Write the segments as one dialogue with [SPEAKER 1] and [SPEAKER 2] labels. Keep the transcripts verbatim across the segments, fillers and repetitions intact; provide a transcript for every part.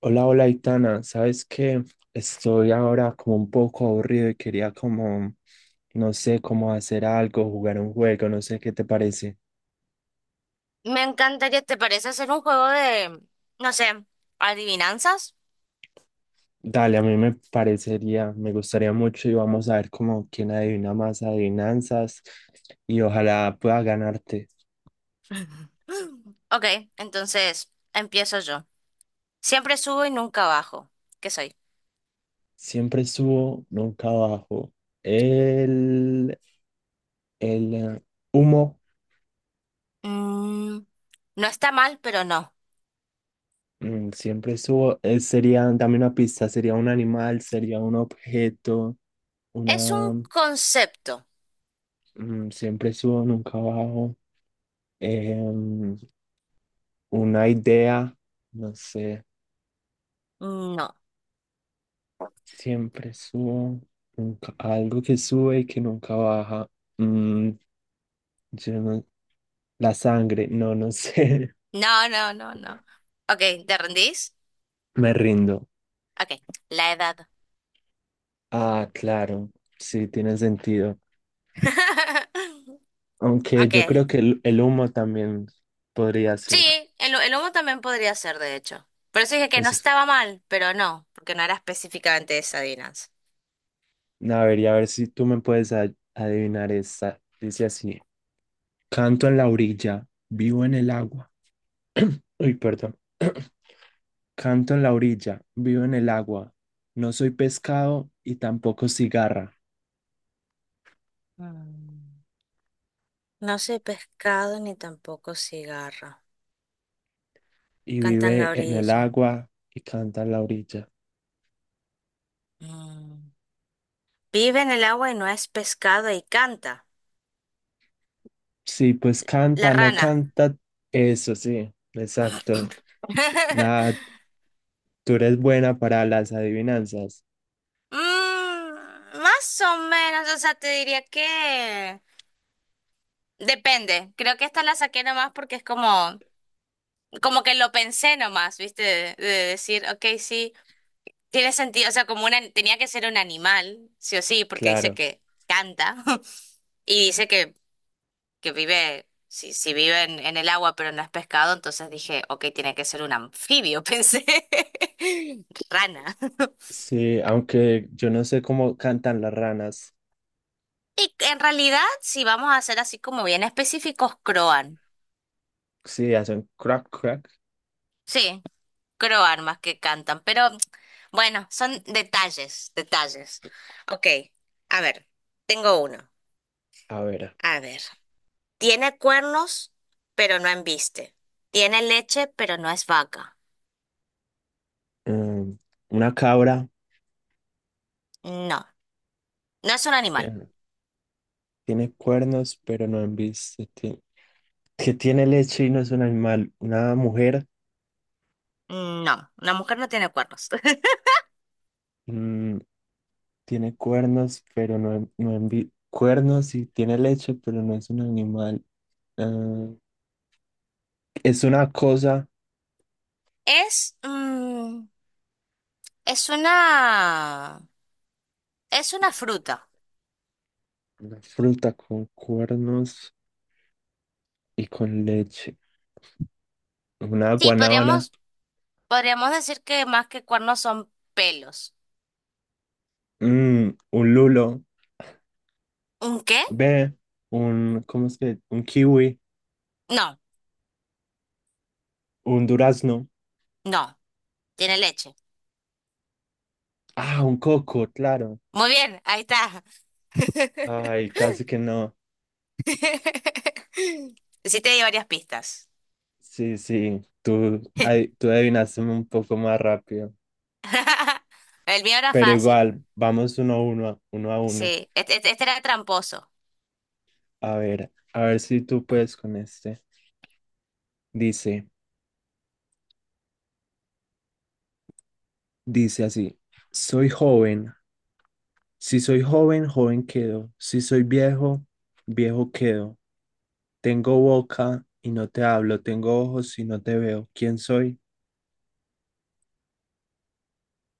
[SPEAKER 1] Hola, hola, Itana. ¿Sabes qué? Estoy ahora como un poco aburrido y quería como, no sé, cómo hacer algo, jugar un juego, no sé qué te parece.
[SPEAKER 2] Me encantaría, ¿te parece hacer un juego de, no sé, adivinanzas?
[SPEAKER 1] Dale, a mí me parecería, me gustaría mucho y vamos a ver como quién adivina más adivinanzas y ojalá pueda ganarte.
[SPEAKER 2] Mm, Ok, entonces empiezo yo. Siempre subo y nunca bajo. ¿Qué soy?
[SPEAKER 1] Siempre subo, nunca bajo. El, el eh, humo.
[SPEAKER 2] Mm, no está mal, pero no.
[SPEAKER 1] Mm, siempre subo. Eh, sería, dame una pista, sería un animal, sería un objeto,
[SPEAKER 2] Es
[SPEAKER 1] una.
[SPEAKER 2] un concepto.
[SPEAKER 1] Mm, siempre subo, nunca bajo. Em, una idea, no sé,
[SPEAKER 2] No.
[SPEAKER 1] siempre subo, nunca, algo que sube y que nunca baja. Mm, yo no- la sangre, no, no sé.
[SPEAKER 2] No, no, no, no. Ok, ¿te rendís?
[SPEAKER 1] Me rindo.
[SPEAKER 2] Ok, la edad.
[SPEAKER 1] Ah, claro, sí, tiene sentido. Aunque yo
[SPEAKER 2] Ok.
[SPEAKER 1] creo que el, el humo también podría ser.
[SPEAKER 2] Sí, el, el humo también podría ser, de hecho. Por eso dije que
[SPEAKER 1] O
[SPEAKER 2] no
[SPEAKER 1] sea,
[SPEAKER 2] estaba mal, pero no, porque no era específicamente esa adivinanza.
[SPEAKER 1] a ver, y a ver si tú me puedes a- adivinar esta. Dice así, canto en la orilla, vivo en el agua. Uy, perdón. Canto en la orilla, vivo en el agua. No soy pescado y tampoco cigarra.
[SPEAKER 2] Mm. No sé pescado ni tampoco cigarro.
[SPEAKER 1] Y
[SPEAKER 2] Canta en
[SPEAKER 1] vive
[SPEAKER 2] la
[SPEAKER 1] en el
[SPEAKER 2] orilla.
[SPEAKER 1] agua y canta en la orilla.
[SPEAKER 2] Mm. Vive en el agua y no es pescado y canta.
[SPEAKER 1] Sí, pues
[SPEAKER 2] La
[SPEAKER 1] canta, no
[SPEAKER 2] rana.
[SPEAKER 1] canta. Eso sí, exacto. Nada, tú eres buena para las adivinanzas.
[SPEAKER 2] Mm, más o menos, o sea, te diría que depende. Creo que esta la saqué nomás porque es como, como que lo pensé nomás, ¿viste? De, de decir, ok, sí, tiene sentido. O sea, como una, tenía que ser un animal, sí o sí, porque dice
[SPEAKER 1] Claro.
[SPEAKER 2] que canta y dice que que vive, si, si vive en, en el agua pero no es pescado, entonces dije, ok, tiene que ser un anfibio, pensé. Rana.
[SPEAKER 1] Sí, aunque yo no sé cómo cantan las ranas.
[SPEAKER 2] Y en realidad, si vamos a ser así como bien específicos, croan.
[SPEAKER 1] Sí, hacen crack, crack.
[SPEAKER 2] Sí, croan más que cantan, pero bueno, son detalles, detalles. Ok, a ver, tengo uno.
[SPEAKER 1] A ver.
[SPEAKER 2] A ver, tiene cuernos, pero no embiste. Tiene leche, pero no es vaca.
[SPEAKER 1] mm, una cabra.
[SPEAKER 2] No, no es un animal.
[SPEAKER 1] eh, Tiene cuernos, pero no han visto, que tiene leche y no es un animal. Una mujer.
[SPEAKER 2] No, la mujer no tiene cuernos.
[SPEAKER 1] mm, Tiene cuernos, pero no, no envi- cuernos y tiene leche, pero no es un animal. Ah, es una cosa,
[SPEAKER 2] Es, mm, es una, es una fruta.
[SPEAKER 1] una fruta con cuernos y con leche. Una
[SPEAKER 2] Sí,
[SPEAKER 1] guanábana.
[SPEAKER 2] podríamos, podríamos decir que más que cuernos son pelos.
[SPEAKER 1] Mm, un lulo,
[SPEAKER 2] ¿Un qué?
[SPEAKER 1] ve, un, ¿cómo es que? Un kiwi,
[SPEAKER 2] No,
[SPEAKER 1] un durazno.
[SPEAKER 2] no, tiene leche.
[SPEAKER 1] Ah, un coco, claro.
[SPEAKER 2] Muy bien, ahí está.
[SPEAKER 1] Ay, casi que no.
[SPEAKER 2] Sí te di varias pistas.
[SPEAKER 1] Sí, sí, tú, ay, tú adivinaste un poco más rápido.
[SPEAKER 2] El mío era
[SPEAKER 1] Pero
[SPEAKER 2] fácil.
[SPEAKER 1] igual, vamos uno a uno, uno a uno.
[SPEAKER 2] Sí, este, este- este era tramposo.
[SPEAKER 1] A ver, a ver si tú puedes con este. Dice, dice así, soy joven. Si soy joven, joven quedo. Si soy viejo, viejo quedo. Tengo boca y no te hablo. Tengo ojos y no te veo. ¿Quién soy?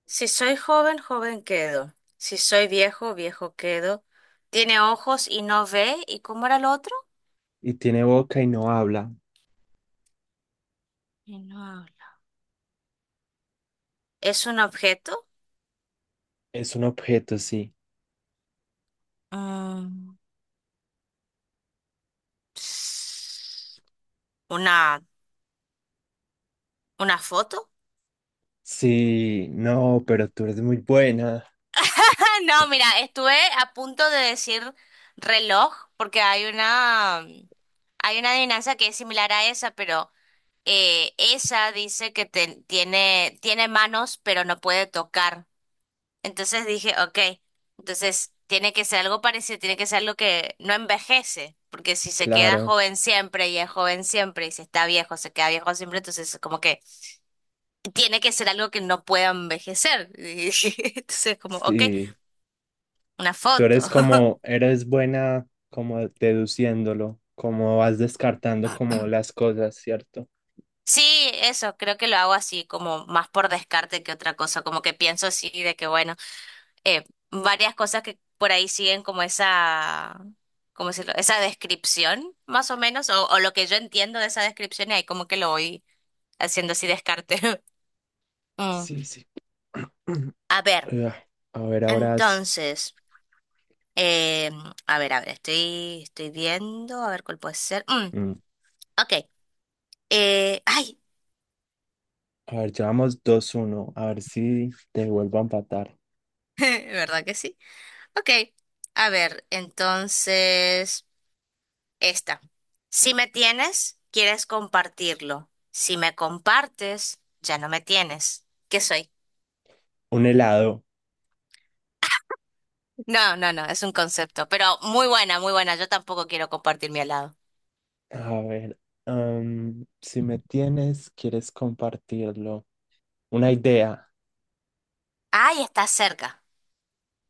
[SPEAKER 2] Si soy joven, joven quedo. Si soy viejo, viejo quedo. Tiene ojos y no ve. ¿Y cómo era el otro?
[SPEAKER 1] Y tiene boca y no habla.
[SPEAKER 2] Y no habla. ¿Es un objeto?
[SPEAKER 1] Es un objeto, sí.
[SPEAKER 2] Ah, ¿Una, una foto?
[SPEAKER 1] Sí, no, pero tú eres muy buena.
[SPEAKER 2] No, mira, estuve a punto de decir reloj porque hay una, mm, hay una adivinanza que es similar a esa, pero eh, esa dice que te- tiene, tiene manos pero no puede tocar. Entonces dije, ok, entonces tiene que ser algo parecido, tiene que ser algo que no envejece, porque si se queda
[SPEAKER 1] Claro,
[SPEAKER 2] joven siempre y es joven siempre y si está viejo se queda viejo siempre, entonces como que tiene que ser algo que no pueda envejecer. Entonces, como, ok,
[SPEAKER 1] sí.
[SPEAKER 2] una
[SPEAKER 1] Tú
[SPEAKER 2] foto.
[SPEAKER 1] eres como, eres buena como deduciéndolo, como vas descartando como las cosas, ¿cierto?
[SPEAKER 2] Sí, eso, creo que lo hago así, como más por descarte que otra cosa, como que pienso así de que, bueno, eh, varias cosas que por ahí siguen como esa, ¿cómo decirlo? Esa descripción, más o menos, o, o lo que yo entiendo de esa descripción y ahí como que lo voy haciendo así descarte. Mm,
[SPEAKER 1] Sí, sí.
[SPEAKER 2] A ver,
[SPEAKER 1] Ah, A ver, ahora es-
[SPEAKER 2] entonces, eh, a ver, a ver, estoy, estoy viendo, a ver cuál puede ser. Mm,
[SPEAKER 1] mm,
[SPEAKER 2] ok. Eh, ay,
[SPEAKER 1] A ver, llevamos dos uno. A ver si te vuelvo a empatar.
[SPEAKER 2] ¿verdad que sí? Ok, a ver, entonces, esta. Si me tienes, quieres compartirlo. Si me compartes, ya no me tienes. ¿Qué soy?
[SPEAKER 1] Un helado.
[SPEAKER 2] No, no, no, es un concepto, pero muy buena, muy buena. Yo tampoco quiero compartir mi helado.
[SPEAKER 1] A ver, am, si me tienes, quieres compartirlo. Una idea.
[SPEAKER 2] Ay, está cerca.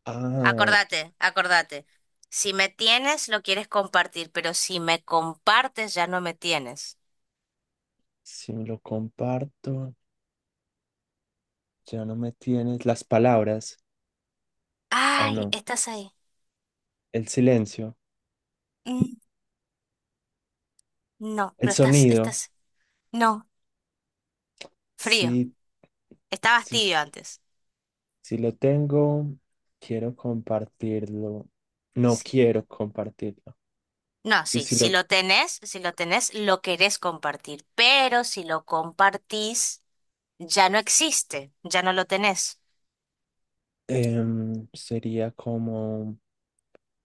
[SPEAKER 1] Ah,
[SPEAKER 2] Acordate, acordate. Si me tienes, lo quieres compartir, pero si me compartes, ya no me tienes.
[SPEAKER 1] si me lo comparto, ya no me tienes. Las palabras. Ah,
[SPEAKER 2] Ay,
[SPEAKER 1] no.
[SPEAKER 2] estás ahí.
[SPEAKER 1] El silencio.
[SPEAKER 2] Mm, no,
[SPEAKER 1] El
[SPEAKER 2] pero estás,
[SPEAKER 1] sonido.
[SPEAKER 2] estás. No. Frío.
[SPEAKER 1] Sí,
[SPEAKER 2] Estabas
[SPEAKER 1] sí,
[SPEAKER 2] tibio antes.
[SPEAKER 1] sí lo tengo. Quiero compartirlo. No
[SPEAKER 2] Sí.
[SPEAKER 1] quiero compartirlo.
[SPEAKER 2] No,
[SPEAKER 1] Y
[SPEAKER 2] sí,
[SPEAKER 1] si
[SPEAKER 2] si
[SPEAKER 1] lo
[SPEAKER 2] lo tenés, si lo tenés, lo querés compartir, pero si lo compartís, ya no existe, ya no lo tenés.
[SPEAKER 1] em, sería como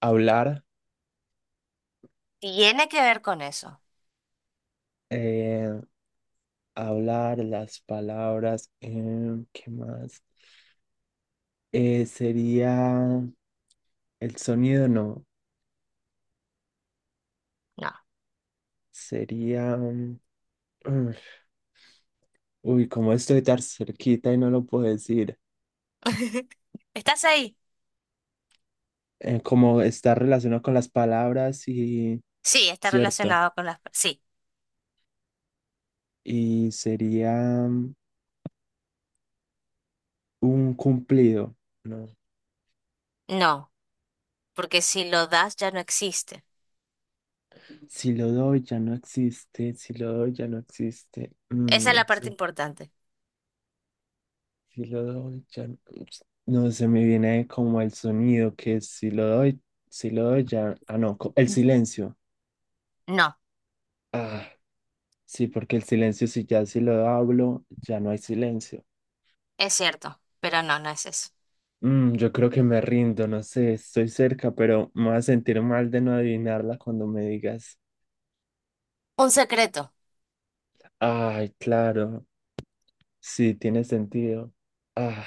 [SPEAKER 1] hablar.
[SPEAKER 2] Tiene que ver con eso.
[SPEAKER 1] eh, Hablar las palabras. Em, ¿qué más? Eh, sería el sonido, no.
[SPEAKER 2] No.
[SPEAKER 1] Sería. mm, mm, Uy, como estoy tan cerquita y no lo puedo decir.
[SPEAKER 2] ¿Estás ahí?
[SPEAKER 1] Eh, como está relacionado con las palabras y
[SPEAKER 2] Sí, está
[SPEAKER 1] cierto.
[SPEAKER 2] relacionado con las. per- Sí,
[SPEAKER 1] Y sería mm, un cumplido, ¿no?
[SPEAKER 2] no, porque si lo das, ya no existe.
[SPEAKER 1] Si lo doy, ya no existe, si lo doy, ya no existe,
[SPEAKER 2] Esa
[SPEAKER 1] mm,
[SPEAKER 2] es la
[SPEAKER 1] no
[SPEAKER 2] parte
[SPEAKER 1] sé,
[SPEAKER 2] importante.
[SPEAKER 1] si lo doy, ya no, no se me viene como el sonido que es si lo doy, si lo doy, ya, ah, no, co- el
[SPEAKER 2] Mm.
[SPEAKER 1] silencio.
[SPEAKER 2] No,
[SPEAKER 1] Ah, sí, porque el silencio, si ya si lo hablo, ya no hay silencio.
[SPEAKER 2] es cierto, pero no, no es eso.
[SPEAKER 1] Mm, yo creo que me rindo, no sé, estoy cerca, pero me voy a sentir mal de no adivinarla cuando me digas.
[SPEAKER 2] Un secreto.
[SPEAKER 1] Ay, claro. Sí, tiene sentido. Ah,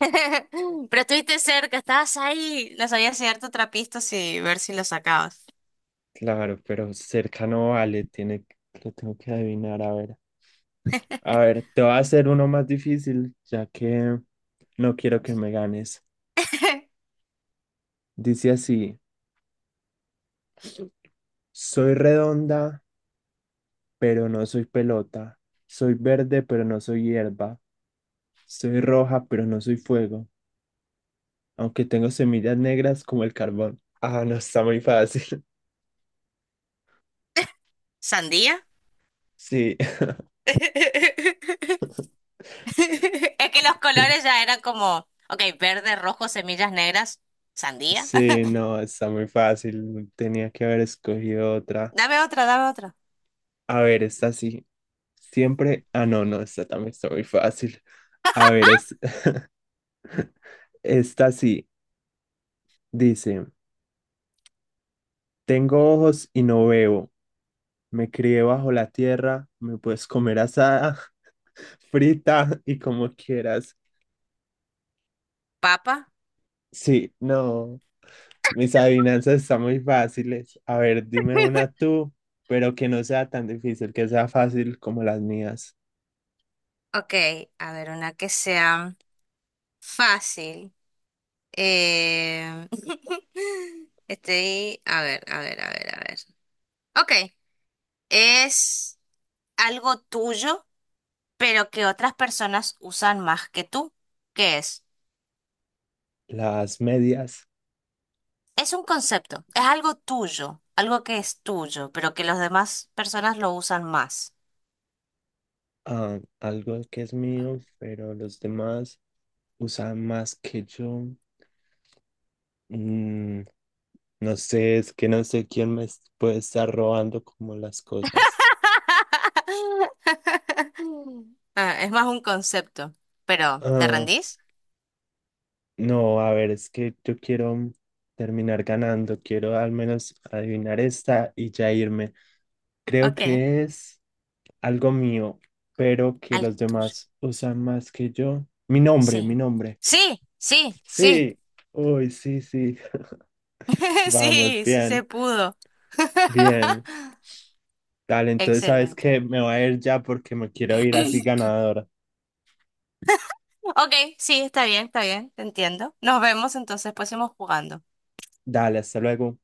[SPEAKER 2] Pero estuviste cerca, estabas ahí. No sabías si darte otra pista y ver si lo sacabas.
[SPEAKER 1] claro, pero cerca no vale, tiene, que- lo tengo que adivinar, a ver. A ver, te voy a hacer uno más difícil, ya que no quiero que me ganes. Dice así, soy redonda, pero no soy pelota. Soy verde, pero no soy hierba. Soy roja, pero no soy fuego. Aunque tengo semillas negras como el carbón. Ah, no, está muy fácil.
[SPEAKER 2] ¿Sandía?
[SPEAKER 1] Sí.
[SPEAKER 2] Es que los colores ya eran como, ok, verde, rojo, semillas negras, sandía.
[SPEAKER 1] Sí, no, está muy fácil. Tenía que haber escogido otra.
[SPEAKER 2] Dame otra, dame otra.
[SPEAKER 1] A ver, esta sí. Siempre. Ah, no, no, esta también está muy fácil. A ver, es- esta sí. Dice: tengo ojos y no veo. Me crié bajo la tierra. Me puedes comer asada, frita y como quieras.
[SPEAKER 2] Papa.
[SPEAKER 1] Sí, no. Mis adivinanzas están muy fáciles. A ver, dime una tú, pero que no sea tan difícil, que sea fácil como las mías.
[SPEAKER 2] Ok, a ver, una que sea fácil. Eh... Estoy, a ver, a ver, a ver, a ver. Ok, es algo tuyo, pero que otras personas usan más que tú. ¿Qué es?
[SPEAKER 1] Las medias.
[SPEAKER 2] Es un concepto, es algo tuyo, algo que es tuyo, pero que las demás personas lo usan más.
[SPEAKER 1] Ah, algo que es mío, pero los demás usan más que yo. Mm, no sé, es que no sé quién me es- puede estar robando como las cosas.
[SPEAKER 2] Ah, es más un concepto, pero ¿te
[SPEAKER 1] Ah,
[SPEAKER 2] rendís?
[SPEAKER 1] no, a ver, es que yo quiero terminar ganando, quiero al menos adivinar esta y ya irme. Creo
[SPEAKER 2] Ok,
[SPEAKER 1] que es algo mío, pero que
[SPEAKER 2] algo
[SPEAKER 1] los
[SPEAKER 2] tuyo.
[SPEAKER 1] demás usan más que yo. Mi nombre,
[SPEAKER 2] Sí.
[SPEAKER 1] mi nombre.
[SPEAKER 2] Sí, sí, sí.
[SPEAKER 1] Sí, uy, sí, sí, vamos,
[SPEAKER 2] Sí, sí se
[SPEAKER 1] bien.
[SPEAKER 2] pudo.
[SPEAKER 1] Bien. Dale, entonces sabes
[SPEAKER 2] Excelente.
[SPEAKER 1] que me voy a ir ya porque me quiero ir así ganadora.
[SPEAKER 2] Ok, sí, está bien, está bien, te entiendo. Nos vemos entonces, pues seguimos jugando.
[SPEAKER 1] Dale, hasta luego.